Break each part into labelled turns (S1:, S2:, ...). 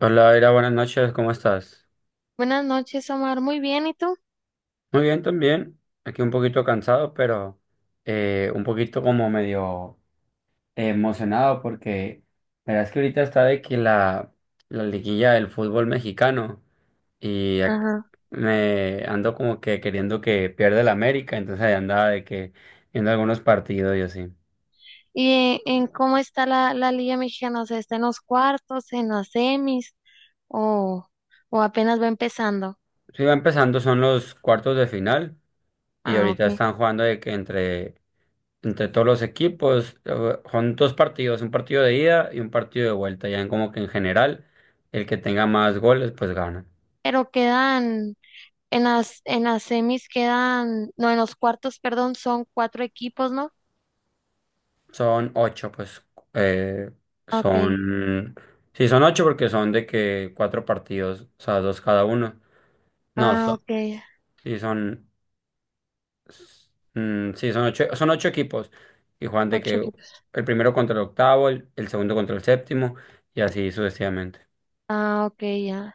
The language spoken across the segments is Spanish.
S1: Hola, Era, buenas noches, ¿cómo estás?
S2: Buenas noches, Omar. Muy bien, ¿y tú?
S1: Muy bien, también. Aquí un poquito cansado, pero un poquito como medio emocionado porque la verdad es que ahorita está de que la liguilla del fútbol mexicano y
S2: Ajá.
S1: me ando como que queriendo que pierda el América, entonces ahí andaba de que viendo algunos partidos y así.
S2: ¿Y en cómo está la Liga Mexicana? O sea, ¿está en los cuartos, en las semis o, o apenas va empezando?
S1: Sí, va empezando, son los cuartos de final y
S2: Ah,
S1: ahorita
S2: ok.
S1: están jugando de que entre todos los equipos. Son dos partidos, un partido de ida y un partido de vuelta. Ya en como que en general, el que tenga más goles, pues gana.
S2: Pero quedan, en las semis quedan, no, en los cuartos, perdón, son cuatro equipos, ¿no?
S1: Son ocho, pues. Eh,
S2: Ah, ok.
S1: son. Sí, son ocho porque son de que cuatro partidos, o sea, dos cada uno. No,
S2: Ah,
S1: son,
S2: ok.
S1: sí, son. S- mm, sí, son ocho equipos. Y juegan de
S2: Ocho
S1: que
S2: equipos.
S1: el primero contra el octavo, el segundo contra el séptimo, y así sucesivamente.
S2: Ah, ok, ya.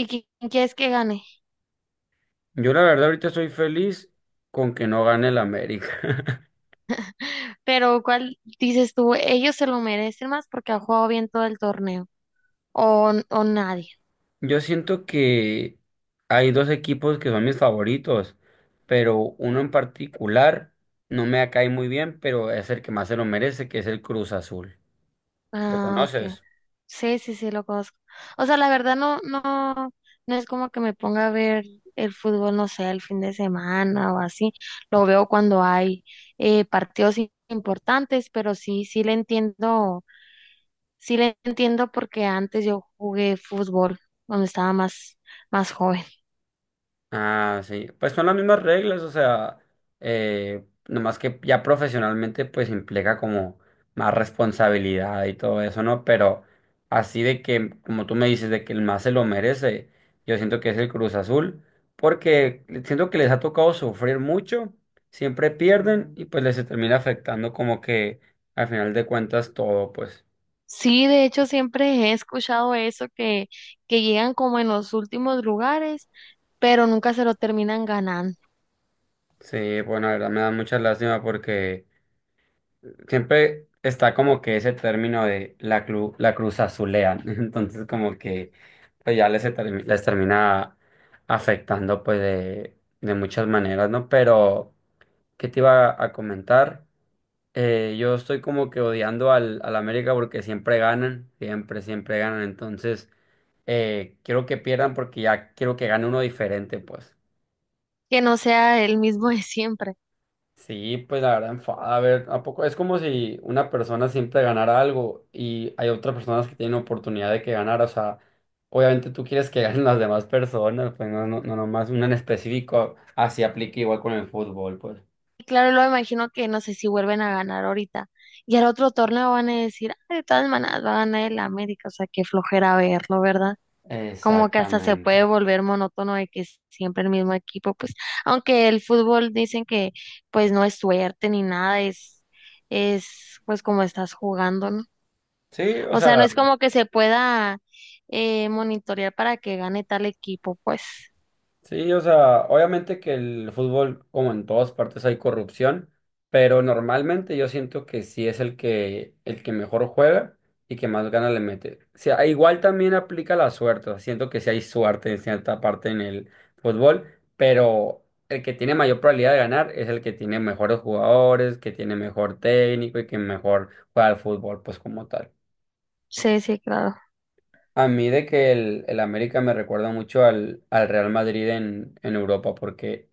S2: ¿Y quién quieres que gane?
S1: Yo la verdad ahorita estoy feliz con que no gane el América.
S2: Pero ¿cuál dices tú? ¿Ellos se lo merecen más porque ha jugado bien todo el torneo? ¿O, o nadie?
S1: Yo siento que hay dos equipos que son mis favoritos, pero uno en particular no me cae muy bien, pero es el que más se lo merece, que es el Cruz Azul. ¿Lo
S2: Ah, ok.
S1: conoces?
S2: Sí, sí, sí, lo conozco. O sea, la verdad no, no, no es como que me ponga a ver el fútbol, no sé, el fin de semana o así. Lo veo cuando hay partidos importantes, pero sí, sí le entiendo porque antes yo jugué fútbol cuando estaba más, más joven.
S1: Ah, sí. Pues son las mismas reglas, o sea, nomás que ya profesionalmente pues implica como más responsabilidad y todo eso, ¿no? Pero así de que, como tú me dices, de que el más se lo merece, yo siento que es el Cruz Azul, porque siento que les ha tocado sufrir mucho, siempre pierden y pues les se termina afectando como que al final de cuentas todo, pues
S2: Sí, de hecho siempre he escuchado eso que llegan como en los últimos lugares, pero nunca se lo terminan ganando.
S1: sí, bueno, la verdad me da mucha lástima porque siempre está como que ese término de la cruz azulean, entonces como que pues ya les termina afectando pues de muchas maneras, ¿no? Pero, ¿qué te iba a comentar? Yo estoy como que odiando al América porque siempre ganan, siempre, siempre ganan, entonces quiero que pierdan porque ya quiero que gane uno diferente, pues.
S2: Que no sea el mismo de siempre.
S1: Sí, pues la verdad enfada. A ver, ¿a poco? Es como si una persona siempre ganara algo y hay otras personas que tienen oportunidad de que ganar. O sea, obviamente tú quieres que ganen las demás personas, pues no, no, no nomás una en específico. Así aplica igual con el fútbol, pues.
S2: Claro, lo imagino que no sé si vuelven a ganar ahorita. Y al otro torneo van a decir, ah, de todas maneras va a ganar el América, o sea, qué flojera verlo, ¿verdad? Como que hasta se
S1: Exactamente.
S2: puede volver monótono de que es siempre el mismo equipo, pues, aunque el fútbol dicen que pues no es suerte ni nada, es pues como estás jugando, ¿no?
S1: Sí, o
S2: O sea, no
S1: sea.
S2: es como que se pueda monitorear para que gane tal equipo, pues.
S1: Sí, o sea, obviamente que el fútbol, como en todas partes, hay corrupción, pero normalmente yo siento que sí es el que mejor juega y que más ganas le mete. O sea, igual también aplica la suerte, o sea, siento que sí hay suerte en cierta parte en el fútbol, pero el que tiene mayor probabilidad de ganar es el que tiene mejores jugadores, que tiene mejor técnico y que mejor juega al fútbol, pues como tal.
S2: Sí, sí, claro.
S1: A mí de que el América me recuerda mucho al Real Madrid en Europa, porque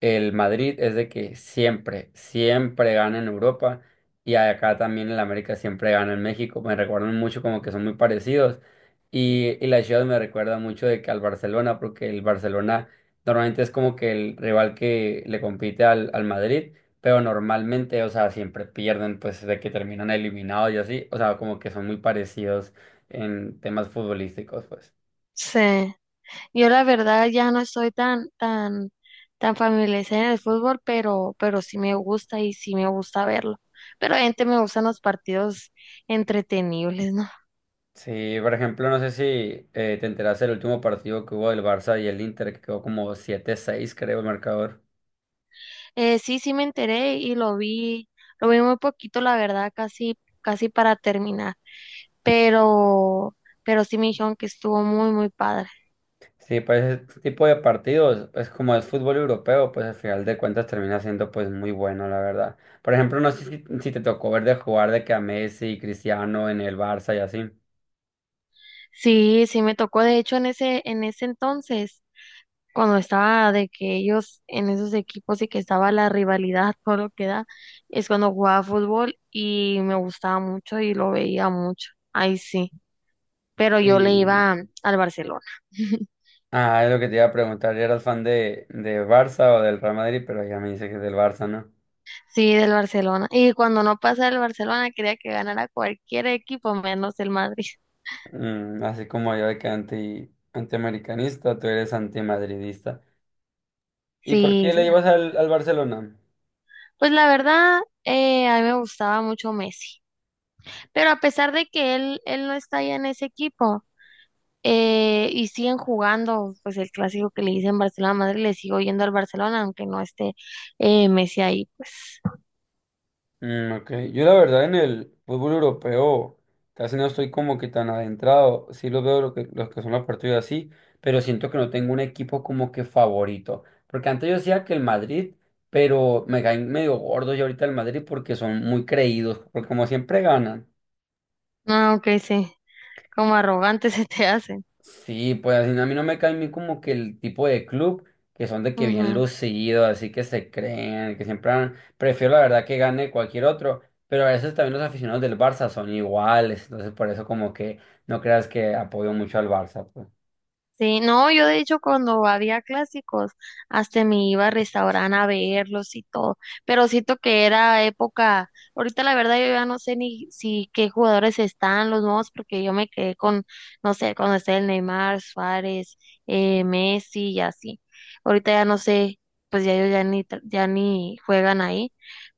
S1: el Madrid es de que siempre, siempre gana en Europa y acá también el América siempre gana en México. Me recuerdan mucho como que son muy parecidos y la Ciudad me recuerda mucho de que al Barcelona porque el Barcelona normalmente es como que el rival que le compite al Madrid, pero normalmente, o sea, siempre pierden pues de que terminan eliminados y así, o sea, como que son muy parecidos en temas futbolísticos, pues.
S2: Sí. Yo la verdad ya no estoy tan, tan, tan familiarizada en el fútbol, pero sí me gusta y sí me gusta verlo. Pero gente me gustan los partidos entretenibles, ¿no?
S1: Sí, por ejemplo, no sé si te enteraste del último partido que hubo del Barça y el Inter, que quedó como siete seis, creo, el marcador.
S2: Sí, sí me enteré y lo vi muy poquito, la verdad, casi, casi para terminar. Pero, pero sí me dijeron que estuvo muy, muy padre.
S1: Sí, pues este tipo de partidos, pues como es fútbol europeo, pues al final de cuentas termina siendo pues muy bueno, la verdad. Por ejemplo, no sé si te tocó ver de jugar de que a Messi y Cristiano en el Barça y así.
S2: Sí, sí me tocó. De hecho, en ese entonces, cuando estaba de que ellos en esos equipos y que estaba la rivalidad, todo lo que da, es cuando jugaba fútbol y me gustaba mucho y lo veía mucho. Ahí sí. Pero yo le
S1: Y
S2: iba al Barcelona.
S1: ah, es lo que te iba a preguntar, ¿eras fan de Barça o del Real Madrid? Pero ya me dice que es del Barça, ¿no?
S2: Sí, del Barcelona. Y cuando no pasaba el Barcelona, quería que ganara cualquier equipo menos el Madrid.
S1: Mm, así como yo de que antiamericanista, tú eres antimadridista. ¿Y por
S2: Sí,
S1: qué le ibas al Barcelona?
S2: pues la verdad, a mí me gustaba mucho Messi. Pero a pesar de que él no está ya en ese equipo. Y siguen jugando, pues el clásico que le dicen Barcelona-Madrid, le sigo yendo al Barcelona, aunque no esté Messi ahí, pues.
S1: Mm, ok, yo la verdad en el fútbol europeo casi no estoy como que tan adentrado, sí los veo los que son los partidos así, pero siento que no tengo un equipo como que favorito, porque antes yo decía que el Madrid, pero me caen medio gordos y ahorita el Madrid porque son muy creídos, porque como siempre ganan.
S2: No, que sí, como arrogante se te hacen.
S1: Sí, pues a mí no me cae bien como que el tipo de club que son de que bien
S2: Ujú.
S1: lucidos, así que se creen, que prefiero la verdad que gane cualquier otro, pero a veces también los aficionados del Barça son iguales, entonces por eso como que no creas que apoyo mucho al Barça, pues.
S2: Sí, no, yo de hecho cuando había clásicos hasta me iba a restaurante a verlos y todo, pero siento que era época, ahorita la verdad yo ya no sé ni si qué jugadores están los nuevos porque yo me quedé con, no sé, cuando está el Neymar, Suárez, Messi y así, ahorita ya no sé, pues ya ellos ya ni, ya ni juegan ahí,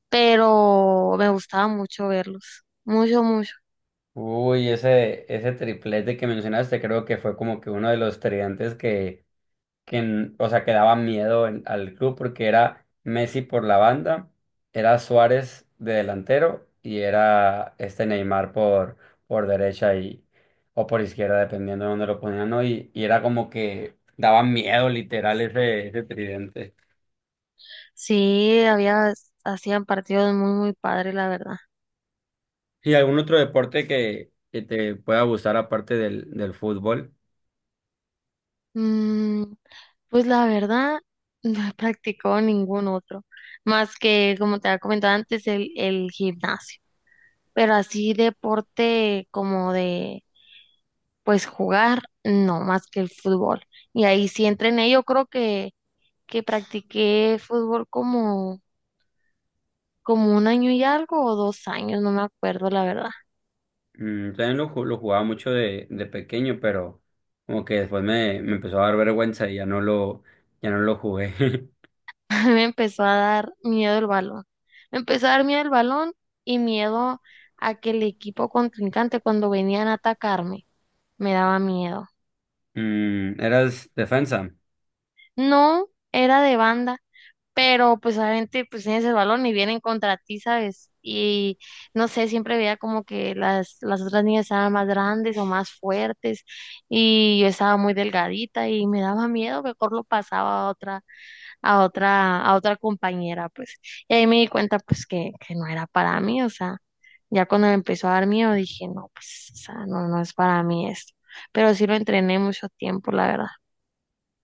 S2: pero me gustaba mucho verlos, mucho, mucho,
S1: Uy, ese triplete que mencionaste creo que fue como que uno de los tridentes que o sea, que daba miedo al club porque era Messi por la banda, era Suárez de delantero y era este Neymar por derecha y, o por izquierda, dependiendo de dónde lo ponían, ¿no? Y era como que daba miedo literal ese tridente.
S2: sí, hacían partidos muy, muy padres la verdad.
S1: ¿Y algún otro deporte que te pueda gustar aparte del fútbol?
S2: Mm, Pues la verdad, no he practicado ningún otro, más que, como te había comentado antes, el gimnasio. Pero así deporte como de, pues jugar, no, más que el fútbol. Y ahí sí entrené, yo creo que practiqué fútbol como un año y algo o 2 años, no me acuerdo la verdad.
S1: Mm, también lo jugaba mucho de pequeño, pero como que después me empezó a dar vergüenza y ya no ya no lo jugué.
S2: A mí me empezó a dar miedo el balón. Me empezó a dar miedo el balón y miedo a que el equipo contrincante cuando venían a atacarme, me daba miedo.
S1: Mm, eras defensa.
S2: No, era de banda, pero pues obviamente pues tienes el balón y vienen contra ti, ¿sabes? Y no sé, siempre veía como que las otras niñas estaban más grandes o más fuertes y yo estaba muy delgadita y me daba miedo, mejor lo pasaba a otra, a otra, a otra compañera, pues. Y ahí me di cuenta pues que no era para mí, o sea, ya cuando me empezó a dar miedo dije, no, pues, o sea, no, no es para mí esto. Pero sí lo entrené mucho tiempo, la verdad.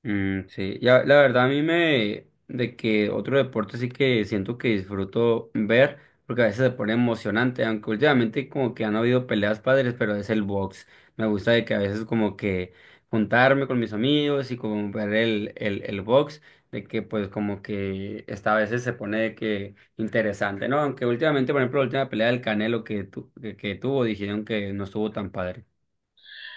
S1: Mm, sí, ya, la verdad a mí me, de que otro deporte sí que siento que disfruto ver, porque a veces se pone emocionante, aunque últimamente como que han habido peleas padres, pero es el box. Me gusta de que a veces como que juntarme con mis amigos y como ver el box, de que pues como que esta a veces se pone de que interesante, ¿no? Aunque últimamente, por ejemplo, la última pelea del Canelo que tuvo, dijeron que no estuvo tan padre.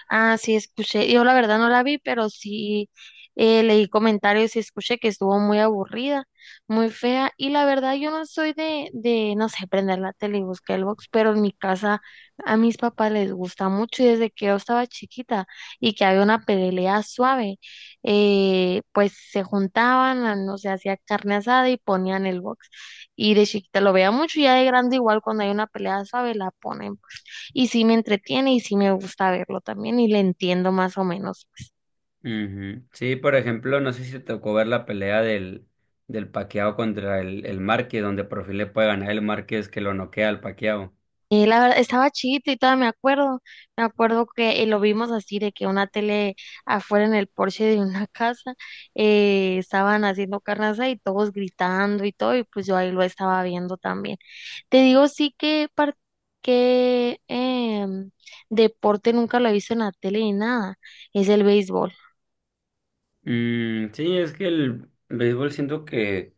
S2: Ah, sí, escuché. Yo la verdad no la vi, pero sí leí comentarios y escuché que estuvo muy aburrida, muy fea. Y la verdad yo no soy de, no sé, prender la tele y buscar el box, pero en mi casa a mis papás les gusta mucho y desde que yo estaba chiquita y que había una pelea suave, pues se juntaban, no sé, hacía carne asada y ponían el box. Y de chiquita lo veía mucho y ya de grande igual cuando hay una pelea suave la ponen y sí me entretiene y sí me gusta verlo también y le entiendo más o menos, pues.
S1: Ujú. Sí, por ejemplo, no sé si te tocó ver la pelea del Paquiao contra el Márquez, donde por fin le puede ganar el Márquez que lo noquea al Paquiao.
S2: La verdad, estaba chiquita y todavía me acuerdo que lo vimos así de que una tele afuera en el porche de una casa estaban haciendo carnaza y todos gritando y todo y pues yo ahí lo estaba viendo también. Te digo sí que deporte nunca lo he visto en la tele ni nada, es el béisbol.
S1: Mm, sí, es que el béisbol siento que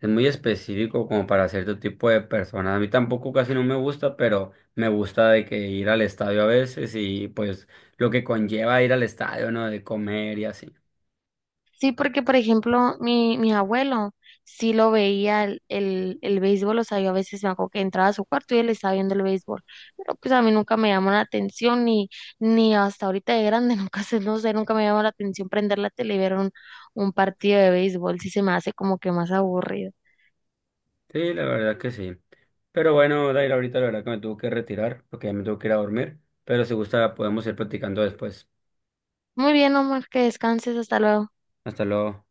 S1: es muy específico como para cierto tipo de personas. A mí tampoco casi no me gusta, pero me gusta de que ir al estadio a veces y pues lo que conlleva ir al estadio, ¿no? De comer y así.
S2: Sí, porque por ejemplo, mi abuelo sí lo veía el béisbol, o sea, yo a veces me acuerdo que entraba a su cuarto y él estaba viendo el béisbol, pero pues a mí nunca me llamó la atención, ni hasta ahorita de grande, nunca sé, no sé, nunca me llamó la atención prender la tele y ver un partido de béisbol, sí se me hace como que más aburrido.
S1: Sí, la verdad que sí. Pero bueno, Dair, ahorita la verdad que me tuvo que retirar porque ya me tuvo que ir a dormir. Pero si gusta, podemos ir platicando después.
S2: Muy bien, Omar, que descanses, hasta luego.
S1: Hasta luego.